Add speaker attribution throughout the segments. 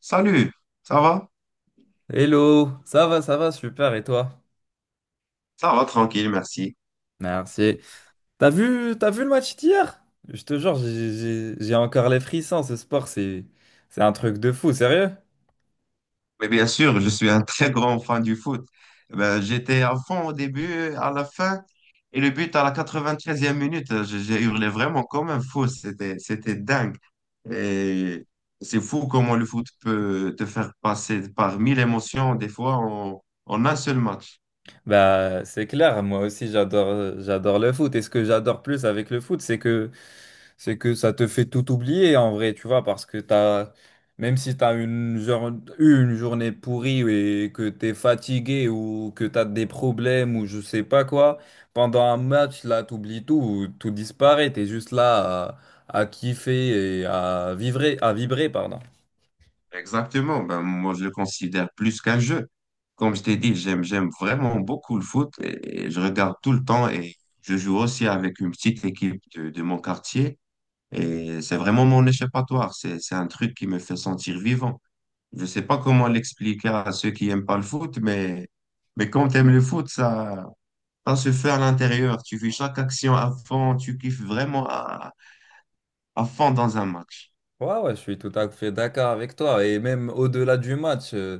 Speaker 1: Salut, ça va?
Speaker 2: Hello, ça va, super, et toi?
Speaker 1: Ça va, tranquille, merci.
Speaker 2: Merci. T'as vu le match d'hier? Je te jure, j'ai encore les frissons, ce sport, c'est un truc de fou, sérieux?
Speaker 1: Mais bien sûr, je suis un très grand fan du foot. Eh ben, j'étais à fond au début, à la fin, et le but à la 93e minute, j'ai hurlé vraiment comme un fou, c'était dingue. Et c'est fou comment le foot peut te faire passer par mille émotions, des fois, en un seul match.
Speaker 2: Bah, c'est clair, moi aussi j'adore j'adore le foot, et ce que j'adore plus avec le foot, c'est que ça te fait tout oublier en vrai, tu vois, parce que t'as, même si eu une journée pourrie et que t'es fatigué ou que t'as des problèmes ou je sais pas quoi, pendant un match, là, t'oublies tout, tout disparaît, t'es juste là à kiffer et à vibrer, pardon.
Speaker 1: Exactement. Ben, moi, je le considère plus qu'un jeu. Comme je t'ai dit, j'aime vraiment beaucoup le foot et je regarde tout le temps et je joue aussi avec une petite équipe de mon quartier et c'est vraiment mon échappatoire. C'est un truc qui me fait sentir vivant. Je sais pas comment l'expliquer à ceux qui aiment pas le foot, mais quand tu aimes le foot, ça se fait à l'intérieur. Tu vis chaque action à fond, tu kiffes vraiment à fond dans un match.
Speaker 2: Ouais, ouais, je suis tout à fait d'accord avec toi. Et même au-delà du match,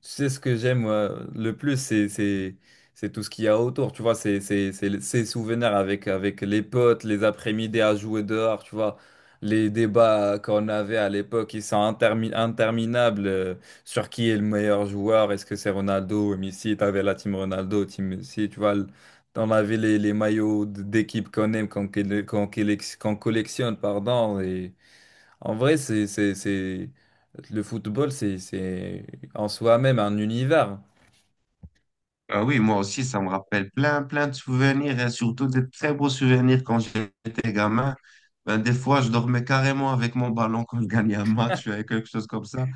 Speaker 2: tu sais ce que j'aime le plus, c'est tout ce qu'il y a autour. Tu vois, c'est ces souvenirs avec les potes, les après-midi à jouer dehors, tu vois. Les débats qu'on avait à l'époque, ils sont interminables sur qui est le meilleur joueur. Est-ce que c'est Ronaldo ou Messi? T'avais la team Ronaldo, team Messi, tu vois. On avait les maillots d'équipe qu'on aime, qu'on collectionne, pardon. Et... En vrai, c'est... le football, c'est en soi-même un univers.
Speaker 1: Ah oui, moi aussi, ça me rappelle plein, plein de souvenirs et surtout des très beaux souvenirs quand j'étais gamin. Ben, des fois, je dormais carrément avec mon ballon quand je gagnais un match, quelque chose comme ça.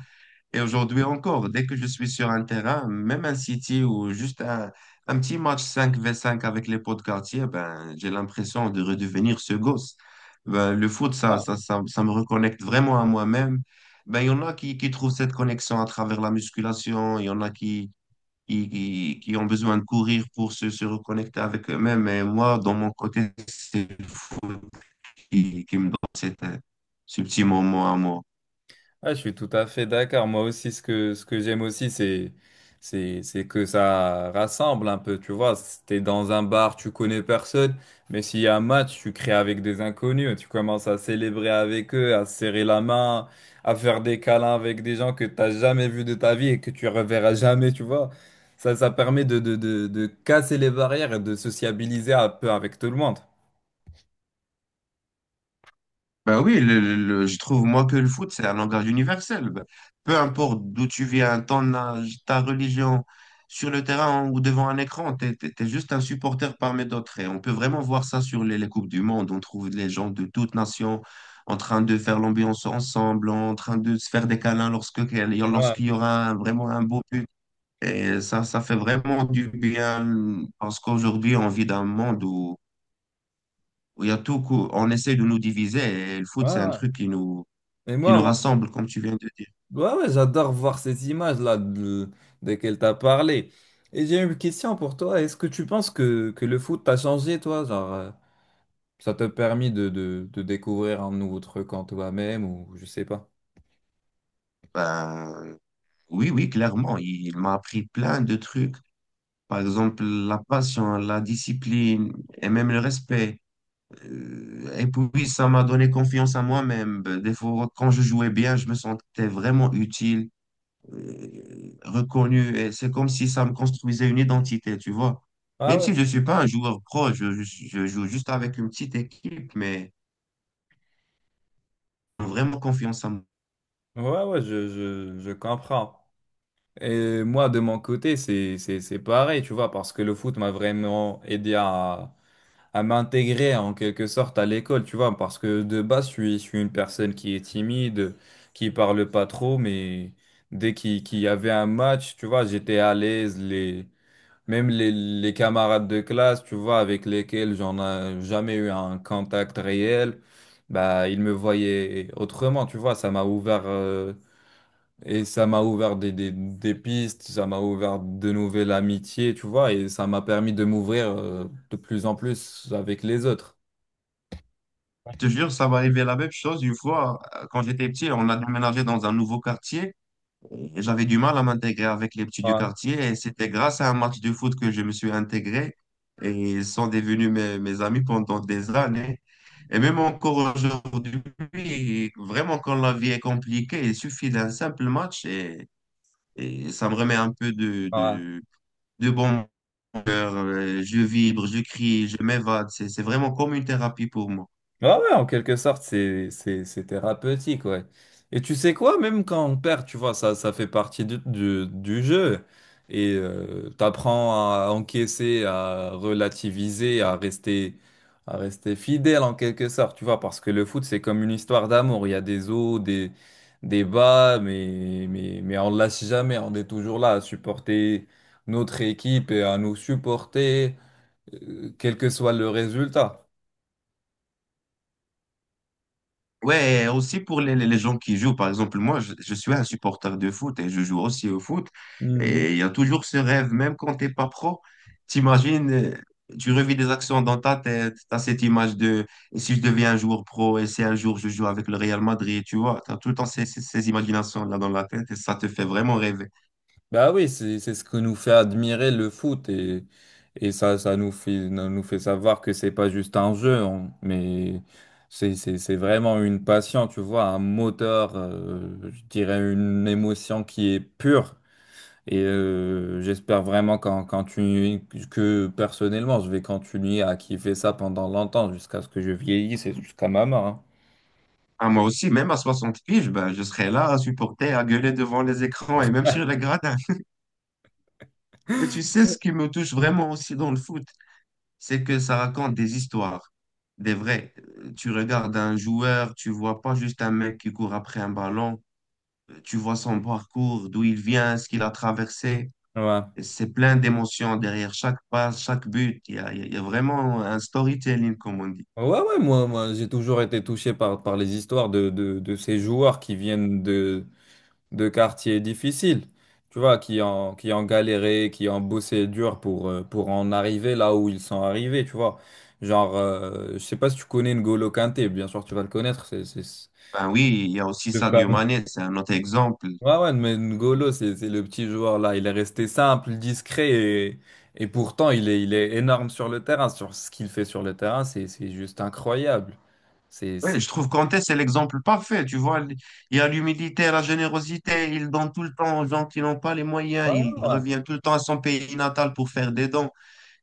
Speaker 1: Et aujourd'hui encore, dès que je suis sur un terrain, même un City ou juste un petit match cinq v cinq avec les potes quartier, ben, j'ai l'impression de redevenir ce gosse. Ben, le foot, ça me reconnecte vraiment à moi-même. Ben, il y en a qui trouvent cette connexion à travers la musculation, il y en a qui ont besoin de courir pour se reconnecter avec eux-mêmes. Et moi, dans mon côté, c'est le foot qui me donne cette, ce petit moment à moi.
Speaker 2: Ouais, je suis tout à fait d'accord. Moi aussi, ce que j'aime aussi, c'est que ça rassemble un peu, tu vois. Si t'es dans un bar, tu connais personne, mais s'il y a un match, tu crées avec des inconnus, tu commences à célébrer avec eux, à se serrer la main, à faire des câlins avec des gens que t'as jamais vus de ta vie et que tu reverras jamais, tu vois. Ça permet de casser les barrières et de sociabiliser un peu avec tout le monde.
Speaker 1: Ben oui, je trouve moi que le foot, c'est un langage universel. Ben, peu importe d'où tu viens, ton âge, ta religion, sur le terrain ou devant un écran, t'es juste un supporter parmi d'autres. Et on peut vraiment voir ça sur les Coupes du Monde. On trouve les gens de toutes nations en train de faire l'ambiance ensemble, en train de se faire des câlins
Speaker 2: Ouais,
Speaker 1: lorsqu'il y aura vraiment un beau but. Et ça fait vraiment du bien parce qu'aujourd'hui, on vit dans un monde où il y a tout, on essaie de nous diviser et le foot,
Speaker 2: ouais,
Speaker 1: c'est un
Speaker 2: ouais.
Speaker 1: truc
Speaker 2: Et
Speaker 1: qui nous
Speaker 2: moi,
Speaker 1: rassemble, comme tu viens de dire.
Speaker 2: ouais, ouais, j'adore voir ces images-là desquelles tu as parlé. Et j'ai une question pour toi. Est-ce que tu penses que le foot t'a changé, toi? Genre, ça t'a permis de découvrir un nouveau truc en toi-même ou je sais pas.
Speaker 1: Ben, oui, oui, clairement. Il m'a appris plein de trucs. Par exemple, la passion, la discipline et même le respect. Et puis, ça m'a donné confiance en moi-même. Ben, des fois, quand je jouais bien, je me sentais vraiment utile, reconnu. Et c'est comme si ça me construisait une identité, tu vois.
Speaker 2: Ah
Speaker 1: Même si je ne
Speaker 2: ouais,
Speaker 1: suis pas un joueur pro, je joue juste avec une petite équipe, mais vraiment confiance en.
Speaker 2: ouais, ouais, je comprends. Et moi, de mon côté, c'est pareil, tu vois, parce que le foot m'a vraiment aidé à m'intégrer en quelque sorte à l'école, tu vois, parce que de base, je suis une personne qui est timide, qui parle pas trop, mais dès qu'il y avait un match, tu vois, j'étais à l'aise, les, même les camarades de classe, tu vois, avec lesquels j'en ai jamais eu un contact réel, bah, ils me voyaient autrement, tu vois, ça m'a ouvert, et ça m'a ouvert des pistes, ça m'a ouvert de nouvelles amitiés, tu vois, et ça m'a permis de m'ouvrir de plus en plus avec les autres.
Speaker 1: Je te jure, ça m'arrivait la même chose une fois, quand j'étais petit, on a déménagé dans un nouveau quartier. Et j'avais du mal à m'intégrer avec les petits du
Speaker 2: Ouais,
Speaker 1: quartier et c'était grâce à un match de foot que je me suis intégré et ils sont devenus mes, mes amis pendant des années. Et même encore aujourd'hui, vraiment quand la vie est compliquée, il suffit d'un simple match et ça me remet un peu
Speaker 2: ouais.
Speaker 1: de bon cœur. Je vibre, je crie, je m'évade. C'est vraiment comme une thérapie pour moi.
Speaker 2: Ah ouais, en quelque sorte, c'est thérapeutique, ouais. Et tu sais quoi, même quand on perd, tu vois, ça fait partie du jeu. Et t'apprends à encaisser, à relativiser, à rester fidèle en quelque sorte, tu vois, parce que le foot, c'est comme une histoire d'amour. Il y a des hauts, des bas, mais on ne lâche jamais. On est toujours là à supporter notre équipe et à nous supporter, quel que soit le résultat.
Speaker 1: Ouais, et aussi pour les gens qui jouent. Par exemple, moi, je suis un supporter de foot et je joue aussi au foot. Et il y a toujours ce rêve, même quand t'es pas pro, t'imagines, tu revis des actions dans ta tête, t'as cette image de et si je deviens un joueur pro et si un jour je joue avec le Real Madrid, tu vois, t'as tout le temps ces, ces, ces imaginations-là dans la tête et ça te fait vraiment rêver.
Speaker 2: Bah oui, c'est ce que nous fait admirer le foot et ça ça nous fait savoir que c'est pas juste un jeu, hein, mais c'est vraiment une passion, tu vois, un moteur, je dirais une émotion qui est pure et j'espère vraiment quand quand tu que personnellement je vais continuer à kiffer ça pendant longtemps jusqu'à ce que je vieillisse et jusqu'à ma mort, hein.
Speaker 1: Ah, moi aussi, même à 60 piges, ben, je serai là à supporter, à gueuler devant les écrans et même sur les gradins. Et tu sais ce qui me touche vraiment aussi dans le foot, c'est que ça raconte des histoires, des vraies. Tu regardes un joueur, tu vois pas juste un mec qui court après un ballon, tu vois son parcours, d'où il vient, ce qu'il a traversé.
Speaker 2: Ouais.
Speaker 1: Et c'est plein d'émotions derrière chaque passe, chaque but. Il y a vraiment un storytelling, comme on dit.
Speaker 2: Ouais, ouais, moi j'ai toujours été touché par les histoires de ces joueurs qui viennent de quartiers difficiles, tu vois, qui ont galéré, qui ont bossé dur pour en arriver là où ils sont arrivés, tu vois. Genre, je sais pas si tu connais N'Golo Kanté, bien sûr tu vas le connaître,
Speaker 1: Ben oui, il y a aussi
Speaker 2: Le
Speaker 1: Sadio
Speaker 2: fameux.
Speaker 1: Mané, c'est un autre exemple.
Speaker 2: Ouais, ouais, mais N'Golo, c'est le petit joueur là, il est resté simple, discret, et pourtant il est énorme sur le terrain, sur ce qu'il fait sur le terrain, c'est juste incroyable. C'est...
Speaker 1: Ouais,
Speaker 2: c'est-
Speaker 1: je trouve Kanté, c'est l'exemple parfait. Tu vois, il y a l'humilité, la générosité. Il donne tout le temps aux gens qui n'ont pas les
Speaker 2: Ouais,
Speaker 1: moyens.
Speaker 2: ouais,
Speaker 1: Il
Speaker 2: ouais.
Speaker 1: revient tout le temps à son pays natal pour faire des dons.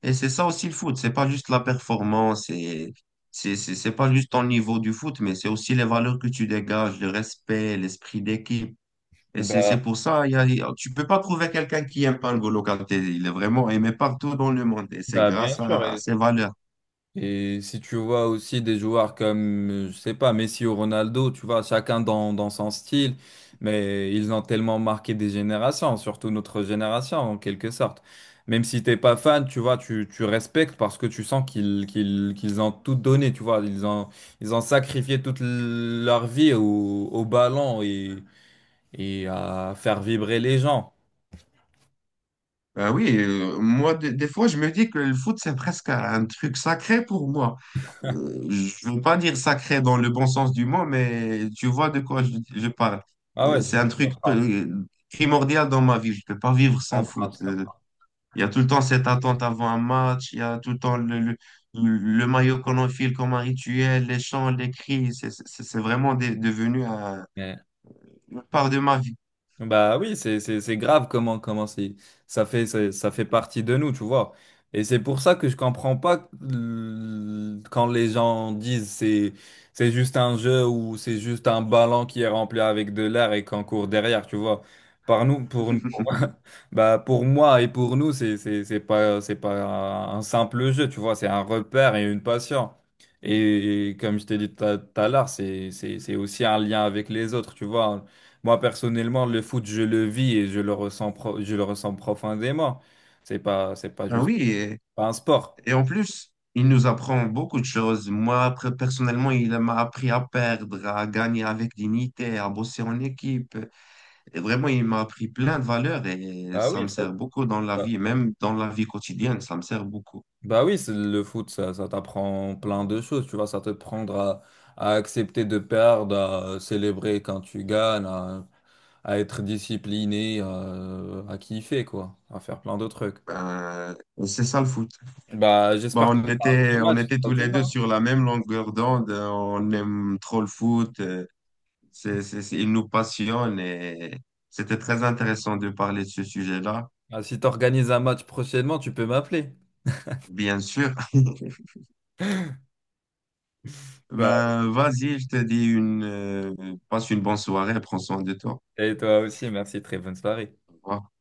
Speaker 1: Et c'est ça aussi le foot, c'est pas juste la performance et c'est pas juste ton niveau du foot, mais c'est aussi les valeurs que tu dégages, le respect, l'esprit d'équipe. Et c'est
Speaker 2: Bah,
Speaker 1: pour ça, tu peux pas trouver quelqu'un qui aime pas N'Golo Kanté. Il est vraiment aimé partout dans le monde et c'est
Speaker 2: Bah, bien
Speaker 1: grâce
Speaker 2: sûr,
Speaker 1: à ses valeurs.
Speaker 2: et si tu vois aussi des joueurs comme, je sais pas, Messi ou Ronaldo, tu vois, chacun dans son style, mais ils ont tellement marqué des générations, surtout notre génération en quelque sorte. Même si t'es pas fan, tu vois, tu respectes parce que tu sens qu'ils ont tout donné, tu vois, ils ont sacrifié toute leur vie au ballon et à faire vibrer les gens.
Speaker 1: Ben oui, moi, des fois, je me dis que le foot, c'est presque un truc sacré pour moi. Je veux pas dire sacré dans le bon sens du mot, mais tu vois de quoi je parle.
Speaker 2: Ah ouais,
Speaker 1: C'est un truc primordial dans ma vie. Je peux pas vivre sans foot.
Speaker 2: je comprends.
Speaker 1: Il y a tout le temps cette attente avant un match. Il y a tout le temps le maillot qu'on enfile comme un rituel, les chants, les cris. C'est vraiment devenu une part de ma vie.
Speaker 2: Bah oui, c'est grave comment c'est ça fait ça, ça fait partie de nous, tu vois. Et c'est pour ça que je comprends pas quand les gens disent c'est juste un jeu ou c'est juste un ballon qui est rempli avec de l'air et qu'on court derrière, tu vois. Par nous bah pour moi et pour nous, c'est pas un simple jeu, tu vois, c'est un repère et une passion. Et comme je t'ai dit tout à l'heure, c'est aussi un lien avec les autres, tu vois. Moi, personnellement, le foot, je le vis et je le ressens, je le ressens profondément. C'est pas
Speaker 1: Ah
Speaker 2: juste
Speaker 1: oui,
Speaker 2: pas un sport.
Speaker 1: et en plus, il nous apprend beaucoup de choses. Moi, après, personnellement, il m'a appris à perdre, à gagner avec dignité, à bosser en équipe. Et vraiment, il m'a appris plein de valeurs et
Speaker 2: Bah
Speaker 1: ça
Speaker 2: oui,
Speaker 1: me sert beaucoup dans la
Speaker 2: ça-
Speaker 1: vie, même dans la vie quotidienne, ça me sert beaucoup.
Speaker 2: bah oui, le foot, ça t'apprend plein de choses. Tu vois, ça te prendre à accepter de perdre, à célébrer quand tu gagnes, à être discipliné, à kiffer, quoi, à faire plein de trucs.
Speaker 1: Ben, c'est ça le foot.
Speaker 2: Bah,
Speaker 1: Ben
Speaker 2: j'espère que tu un petit
Speaker 1: on
Speaker 2: match
Speaker 1: était tous les deux
Speaker 2: prochainement.
Speaker 1: sur la même longueur d'onde. On aime trop le foot. Il nous passionne et c'était très intéressant de parler de ce sujet-là,
Speaker 2: Ah, si tu organises un match prochainement, tu peux m'appeler.
Speaker 1: bien sûr.
Speaker 2: Voilà.
Speaker 1: Ben, vas-y, je te dis une, passe une bonne soirée, prends soin de toi.
Speaker 2: Et toi aussi, merci, très bonne soirée.
Speaker 1: Au revoir.